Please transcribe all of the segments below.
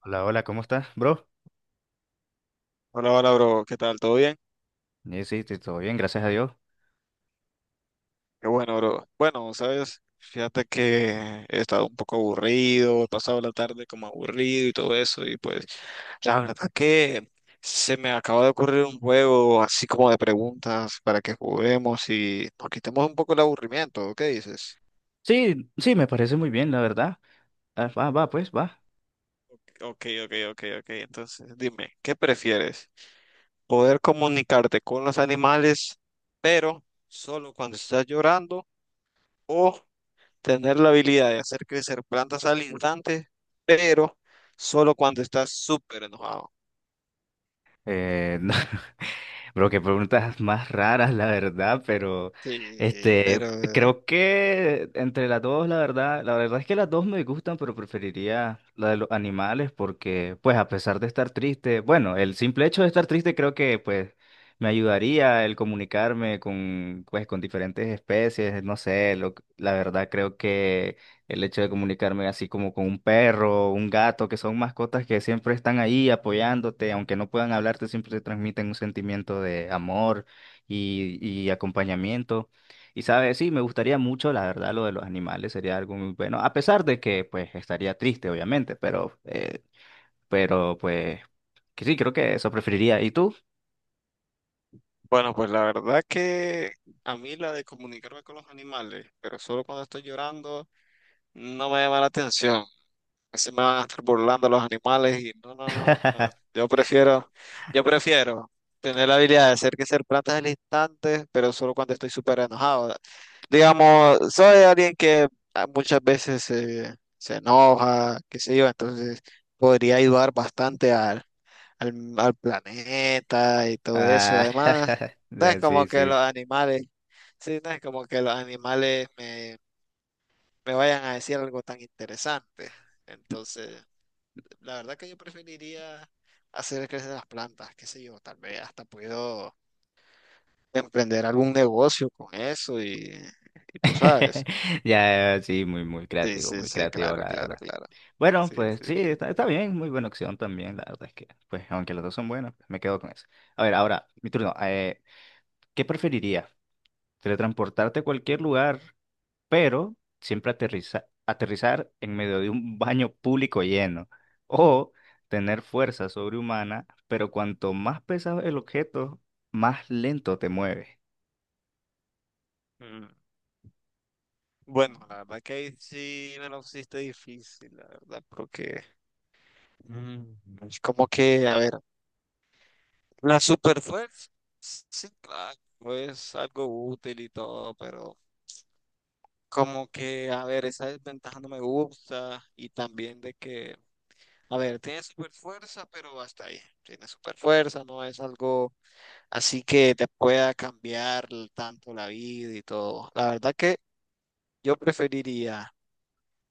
Hola, hola, ¿cómo estás, bro? Hola, hola, bro. ¿Qué tal? ¿Todo bien? Sí, sí, todo bien, gracias a Dios. Qué bueno, bro. Bueno, sabes, fíjate que he estado un poco aburrido, he pasado la tarde como aburrido y todo eso, y pues la verdad que se me acaba de ocurrir un juego así como de preguntas para que juguemos y nos quitemos un poco el aburrimiento. ¿Qué dices? Sí, sí, me parece muy bien, la verdad. Ah, va, va, pues, va. Ok, ok, ok, ok. Entonces, dime, ¿qué prefieres? ¿Poder comunicarte con los animales, pero solo cuando estás llorando, o tener la habilidad de hacer crecer plantas al instante, pero solo cuando estás súper enojado? No, bro, qué preguntas más raras, la verdad, pero Sí, este, pero creo que entre las dos, la verdad es que las dos me gustan, pero preferiría la de los animales porque, pues, a pesar de estar triste, bueno, el simple hecho de estar triste creo que, pues, me ayudaría el comunicarme con, pues, con diferentes especies, no sé, lo, la verdad creo que el hecho de comunicarme así como con un perro, un gato, que son mascotas que siempre están ahí apoyándote, aunque no puedan hablarte, siempre te transmiten un sentimiento de amor y acompañamiento. Y sabes, sí, me gustaría mucho, la verdad, lo de los animales sería algo muy bueno, a pesar de que pues estaría triste, obviamente, pero pues que sí, creo que eso preferiría. ¿Y tú? bueno, pues la verdad que a mí la de comunicarme con los animales, pero solo cuando estoy llorando, no me llama la atención. Así me van a estar burlando los animales y no, no, no, no. Yo prefiero tener la habilidad de hacer que ser plantas al instante, pero solo cuando estoy súper enojado. Digamos, soy alguien que muchas veces se enoja, qué sé yo, entonces podría ayudar bastante al planeta y todo eso. Ah, Además, no es como sí, que sí. los animales, sí, no es como que los animales me vayan a decir algo tan interesante. Entonces... La verdad que yo preferiría hacer crecer las plantas, qué sé yo, tal vez hasta puedo emprender algún negocio con eso y tú sabes. Ya, sí, muy, Sí, sí, muy sí, creativo, claro, la claro, verdad. claro. Bueno, Sí, pues sí, sí, sí. está, está bien, muy buena opción también, la verdad es que, pues aunque las dos son buenas, pues, me quedo con eso. A ver, ahora, mi turno. ¿Qué preferiría? Teletransportarte a cualquier lugar, pero aterrizar en medio de un baño público lleno. O tener fuerza sobrehumana, pero cuanto más pesado el objeto, más lento te mueves. Mm. Bueno, la verdad que ahí sí me lo pusiste difícil, la verdad, porque es como que, a ver, la superfuerza, sí, claro, es algo útil y todo, pero como que, a ver, esa desventaja no me gusta y también de que a ver, tiene super fuerza, pero hasta ahí. Tiene super fuerza, no es algo así que te pueda cambiar tanto la vida y todo. La verdad que yo preferiría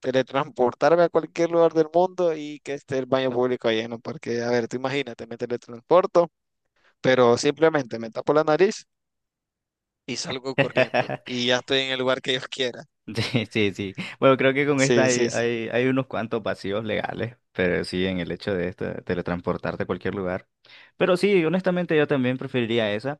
teletransportarme a cualquier lugar del mundo y que esté el baño público lleno, porque, a ver, tú imagínate, me teletransporto, pero simplemente me tapo la nariz y salgo corriendo y ya estoy en el lugar que yo quiera. Sí, sí, sí. Bueno, creo que con esta Sí, hay, sí, sí. hay unos cuantos vacíos legales, pero sí, en el hecho de esto, de teletransportarte a cualquier lugar. Pero sí, honestamente yo también preferiría esa.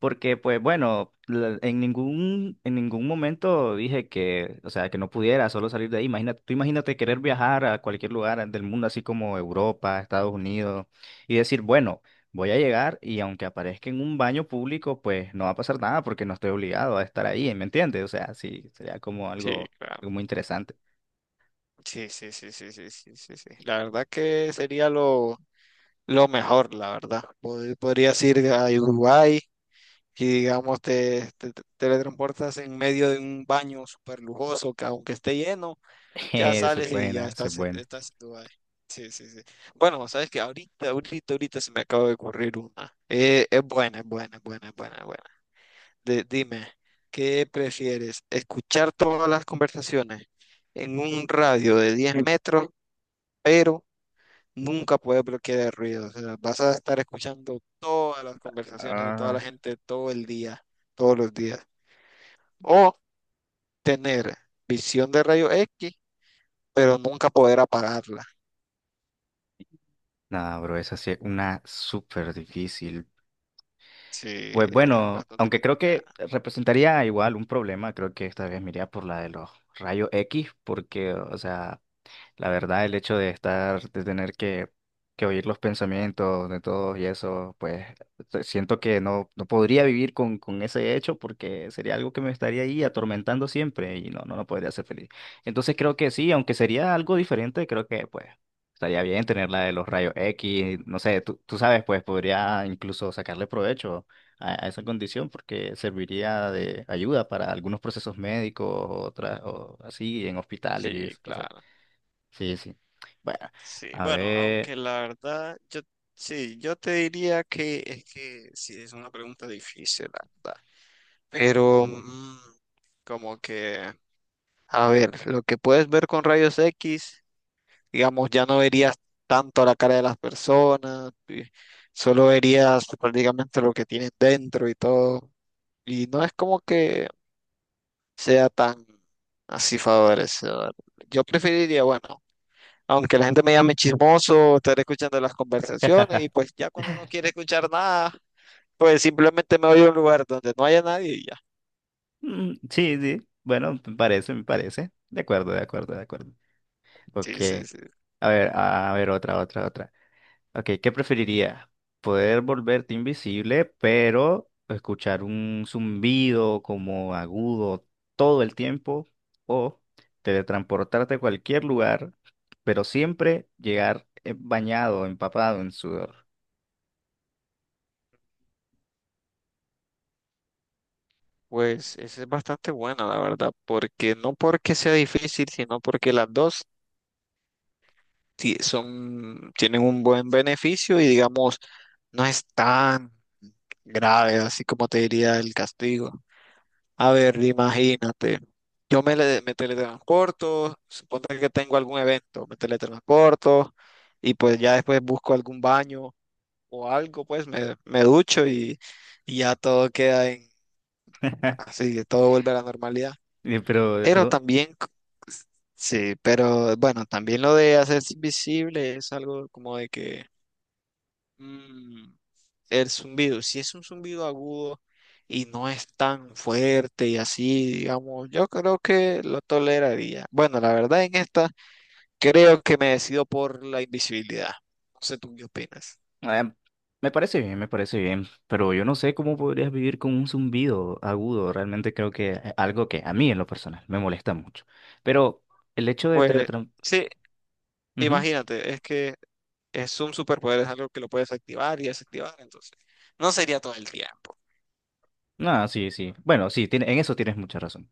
Porque, pues bueno, en ningún momento dije que, o sea, que no pudiera solo salir de ahí. Imagínate, tú imagínate querer viajar a cualquier lugar del mundo, así como Europa, Estados Unidos, y decir, bueno, voy a llegar y aunque aparezca en un baño público, pues no va a pasar nada porque no estoy obligado a estar ahí, ¿me entiendes? O sea, sí, sería como Sí, algo, claro. algo muy interesante. Sí, sí, sí, sí, sí, sí, sí, sí. La verdad que sería lo mejor, la verdad. Podrías ir a Uruguay y digamos te teletransportas en medio de un baño súper lujoso que aunque esté lleno, ya Esa es sales y ya buena, esa es estás, buena. estás en Dubái. Sí, sí, sí. Bueno, sabes que ahorita, ahorita, ahorita se me acaba de ocurrir una. Es buena, es buena, es buena, es buena, es buena. Dime, ¿qué prefieres? ¿Escuchar todas las conversaciones en un radio de 10 metros, pero nunca puedes bloquear el ruido? O sea, vas a estar escuchando todas las conversaciones de toda la Ah. gente todo el día, todos los días. O tener visión de rayos X, pero nunca poder apagarla. Nada, bro, esa sí es una súper difícil. Sí, Pues es bueno, bastante aunque creo que complicada. representaría igual un problema, creo que esta vez me iría por la de los rayos X, porque, o sea, la verdad, el hecho de estar, de tener que oír los pensamientos de todos y eso, siento que no, no podría vivir con ese hecho porque sería algo que me estaría ahí atormentando siempre y no, no, no podría ser feliz. Entonces creo que sí, aunque sería algo diferente, creo que pues estaría bien tener la de los rayos X, no sé, tú sabes, pues podría incluso sacarle provecho a esa condición porque serviría de ayuda para algunos procesos médicos o así en hospitales y Sí, esas cosas. claro. Sí, sí. Bueno, Sí, a bueno, ver. aunque la verdad, yo sí, yo te diría que es que sí, es una pregunta difícil, la verdad. Pero como que, a ver, lo que puedes ver con rayos X, digamos, ya no verías tanto la cara de las personas, y solo verías prácticamente lo que tienen dentro y todo. Y no es como que sea tan así favorecedor. Yo preferiría, bueno, aunque la gente me llame chismoso, estar escuchando las conversaciones y pues ya cuando no quiere escuchar nada, pues simplemente me voy a un lugar donde no haya nadie y ya. Mm, sí, sí. Bueno, me parece, me parece. De acuerdo, de acuerdo, de acuerdo. Ok. Sí, sí, sí. A ver, otra, otra, otra. Ok, ¿qué preferirías? ¿Poder volverte invisible, pero escuchar un zumbido como agudo todo el tiempo? ¿O teletransportarte a cualquier lugar, pero siempre llegar bañado, empapado en sudor? Pues esa es bastante buena, la verdad, porque no porque sea difícil, sino porque las dos son, tienen un buen beneficio y digamos, no es tan grave, así como te diría el castigo. A ver, imagínate, yo me teletransporto, suponte que tengo algún evento, me teletransporto y pues ya después busco algún baño o algo, pues me ducho y ya todo queda en, así, todo vuelve a la normalidad. Eh, Pero, Pero ¿dó- también... Sí, pero bueno, también lo de hacerse invisible es algo como de que Mm, el zumbido, si es un zumbido agudo y no es tan fuerte y así, digamos, yo creo que lo toleraría. Bueno, la verdad en esta creo que me decido por la invisibilidad. No sé tú qué opinas. Eh, Me parece bien, me parece bien, pero yo no sé cómo podrías vivir con un zumbido agudo. Realmente creo que es algo que a mí en lo personal me molesta mucho. Pero el hecho de Pues teletransportar... sí, imagínate, es que es un superpoder, es algo que lo puedes activar y desactivar, entonces no sería todo el tiempo. No, sí, sí. Bueno, sí, en eso tienes mucha razón.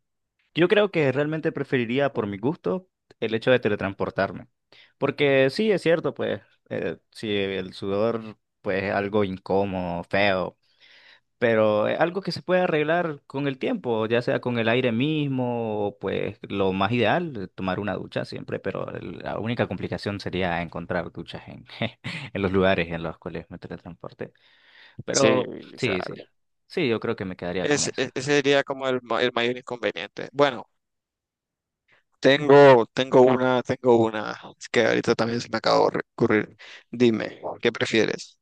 Yo creo que realmente preferiría, por mi gusto, el hecho de teletransportarme. Porque sí, es cierto, pues, si el sudor, pues, es algo incómodo, feo pero es algo que se puede arreglar con el tiempo, ya sea con el aire mismo, o pues lo más ideal, tomar una ducha siempre, pero la única complicación sería encontrar duchas en, en los lugares en los cuales me teletransporte. Sí, Pero sí, sí, claro. sí, yo creo que me quedaría con eso. Ese sería como el mayor inconveniente. Bueno, tengo una que ahorita también se me acaba de ocurrir. Dime, ¿qué prefieres?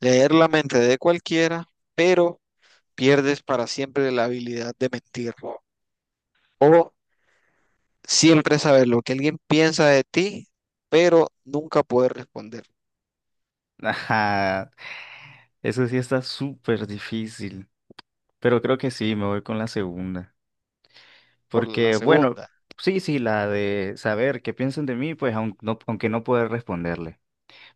Leer la mente de cualquiera, pero pierdes para siempre la habilidad de mentir. O siempre saber lo que alguien piensa de ti, pero nunca poder responder. Ajá, eso sí está súper difícil, pero creo que sí, me voy con la segunda, Por la porque bueno, segunda. sí, sí, la de saber qué piensan de mí, pues aunque no poder responderle.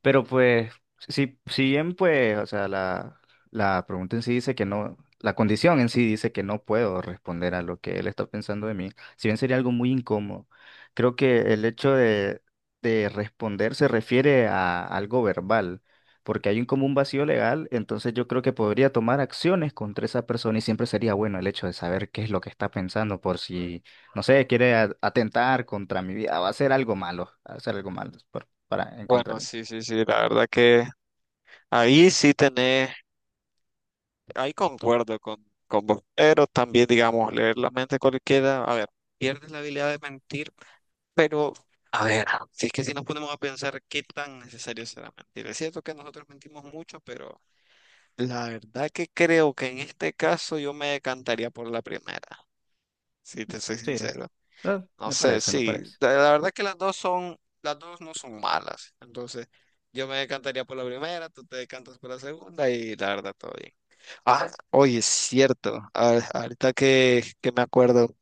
Pero pues, si, si bien pues, o sea, la pregunta en sí dice que no, la condición en sí dice que no puedo responder a lo que él está pensando de mí, si bien sería algo muy incómodo, creo que el hecho de responder se refiere a algo verbal, porque hay un como un vacío legal, entonces yo creo que podría tomar acciones contra esa persona y siempre sería bueno el hecho de saber qué es lo que está pensando por si, no sé, quiere atentar contra mi vida, va a hacer algo malo, va a hacer algo malo para, en contra Bueno, mí. sí, sí, sí, la verdad que ahí sí tenés, ahí concuerdo con vos, pero también, digamos, leer la mente cualquiera, a ver, pierdes la habilidad de mentir, pero, a ver, si es que si nos ponemos a pensar qué tan necesario será mentir. Es cierto que nosotros mentimos mucho, pero la verdad que creo que en este caso yo me decantaría por la primera, si te soy Sí, sincero. No me sé, parece, me sí, parece. La verdad que las dos son, las dos no son malas, entonces yo me decantaría por la primera, tú te decantas por la segunda y la verdad todo bien. Ah, oye, es cierto. Ahorita que me acuerdo,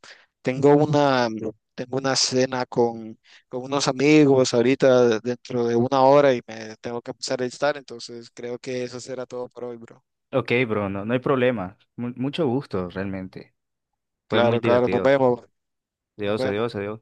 tengo una, tengo una cena con unos amigos ahorita dentro de 1 hora y me tengo que empezar a estar, entonces creo que eso será todo por hoy, bro. Ok, bro, no, no hay problema. Mucho gusto, realmente. Fue muy Claro, claro, nos divertido. vemos, nos Dios, vemos. adiós, adiós.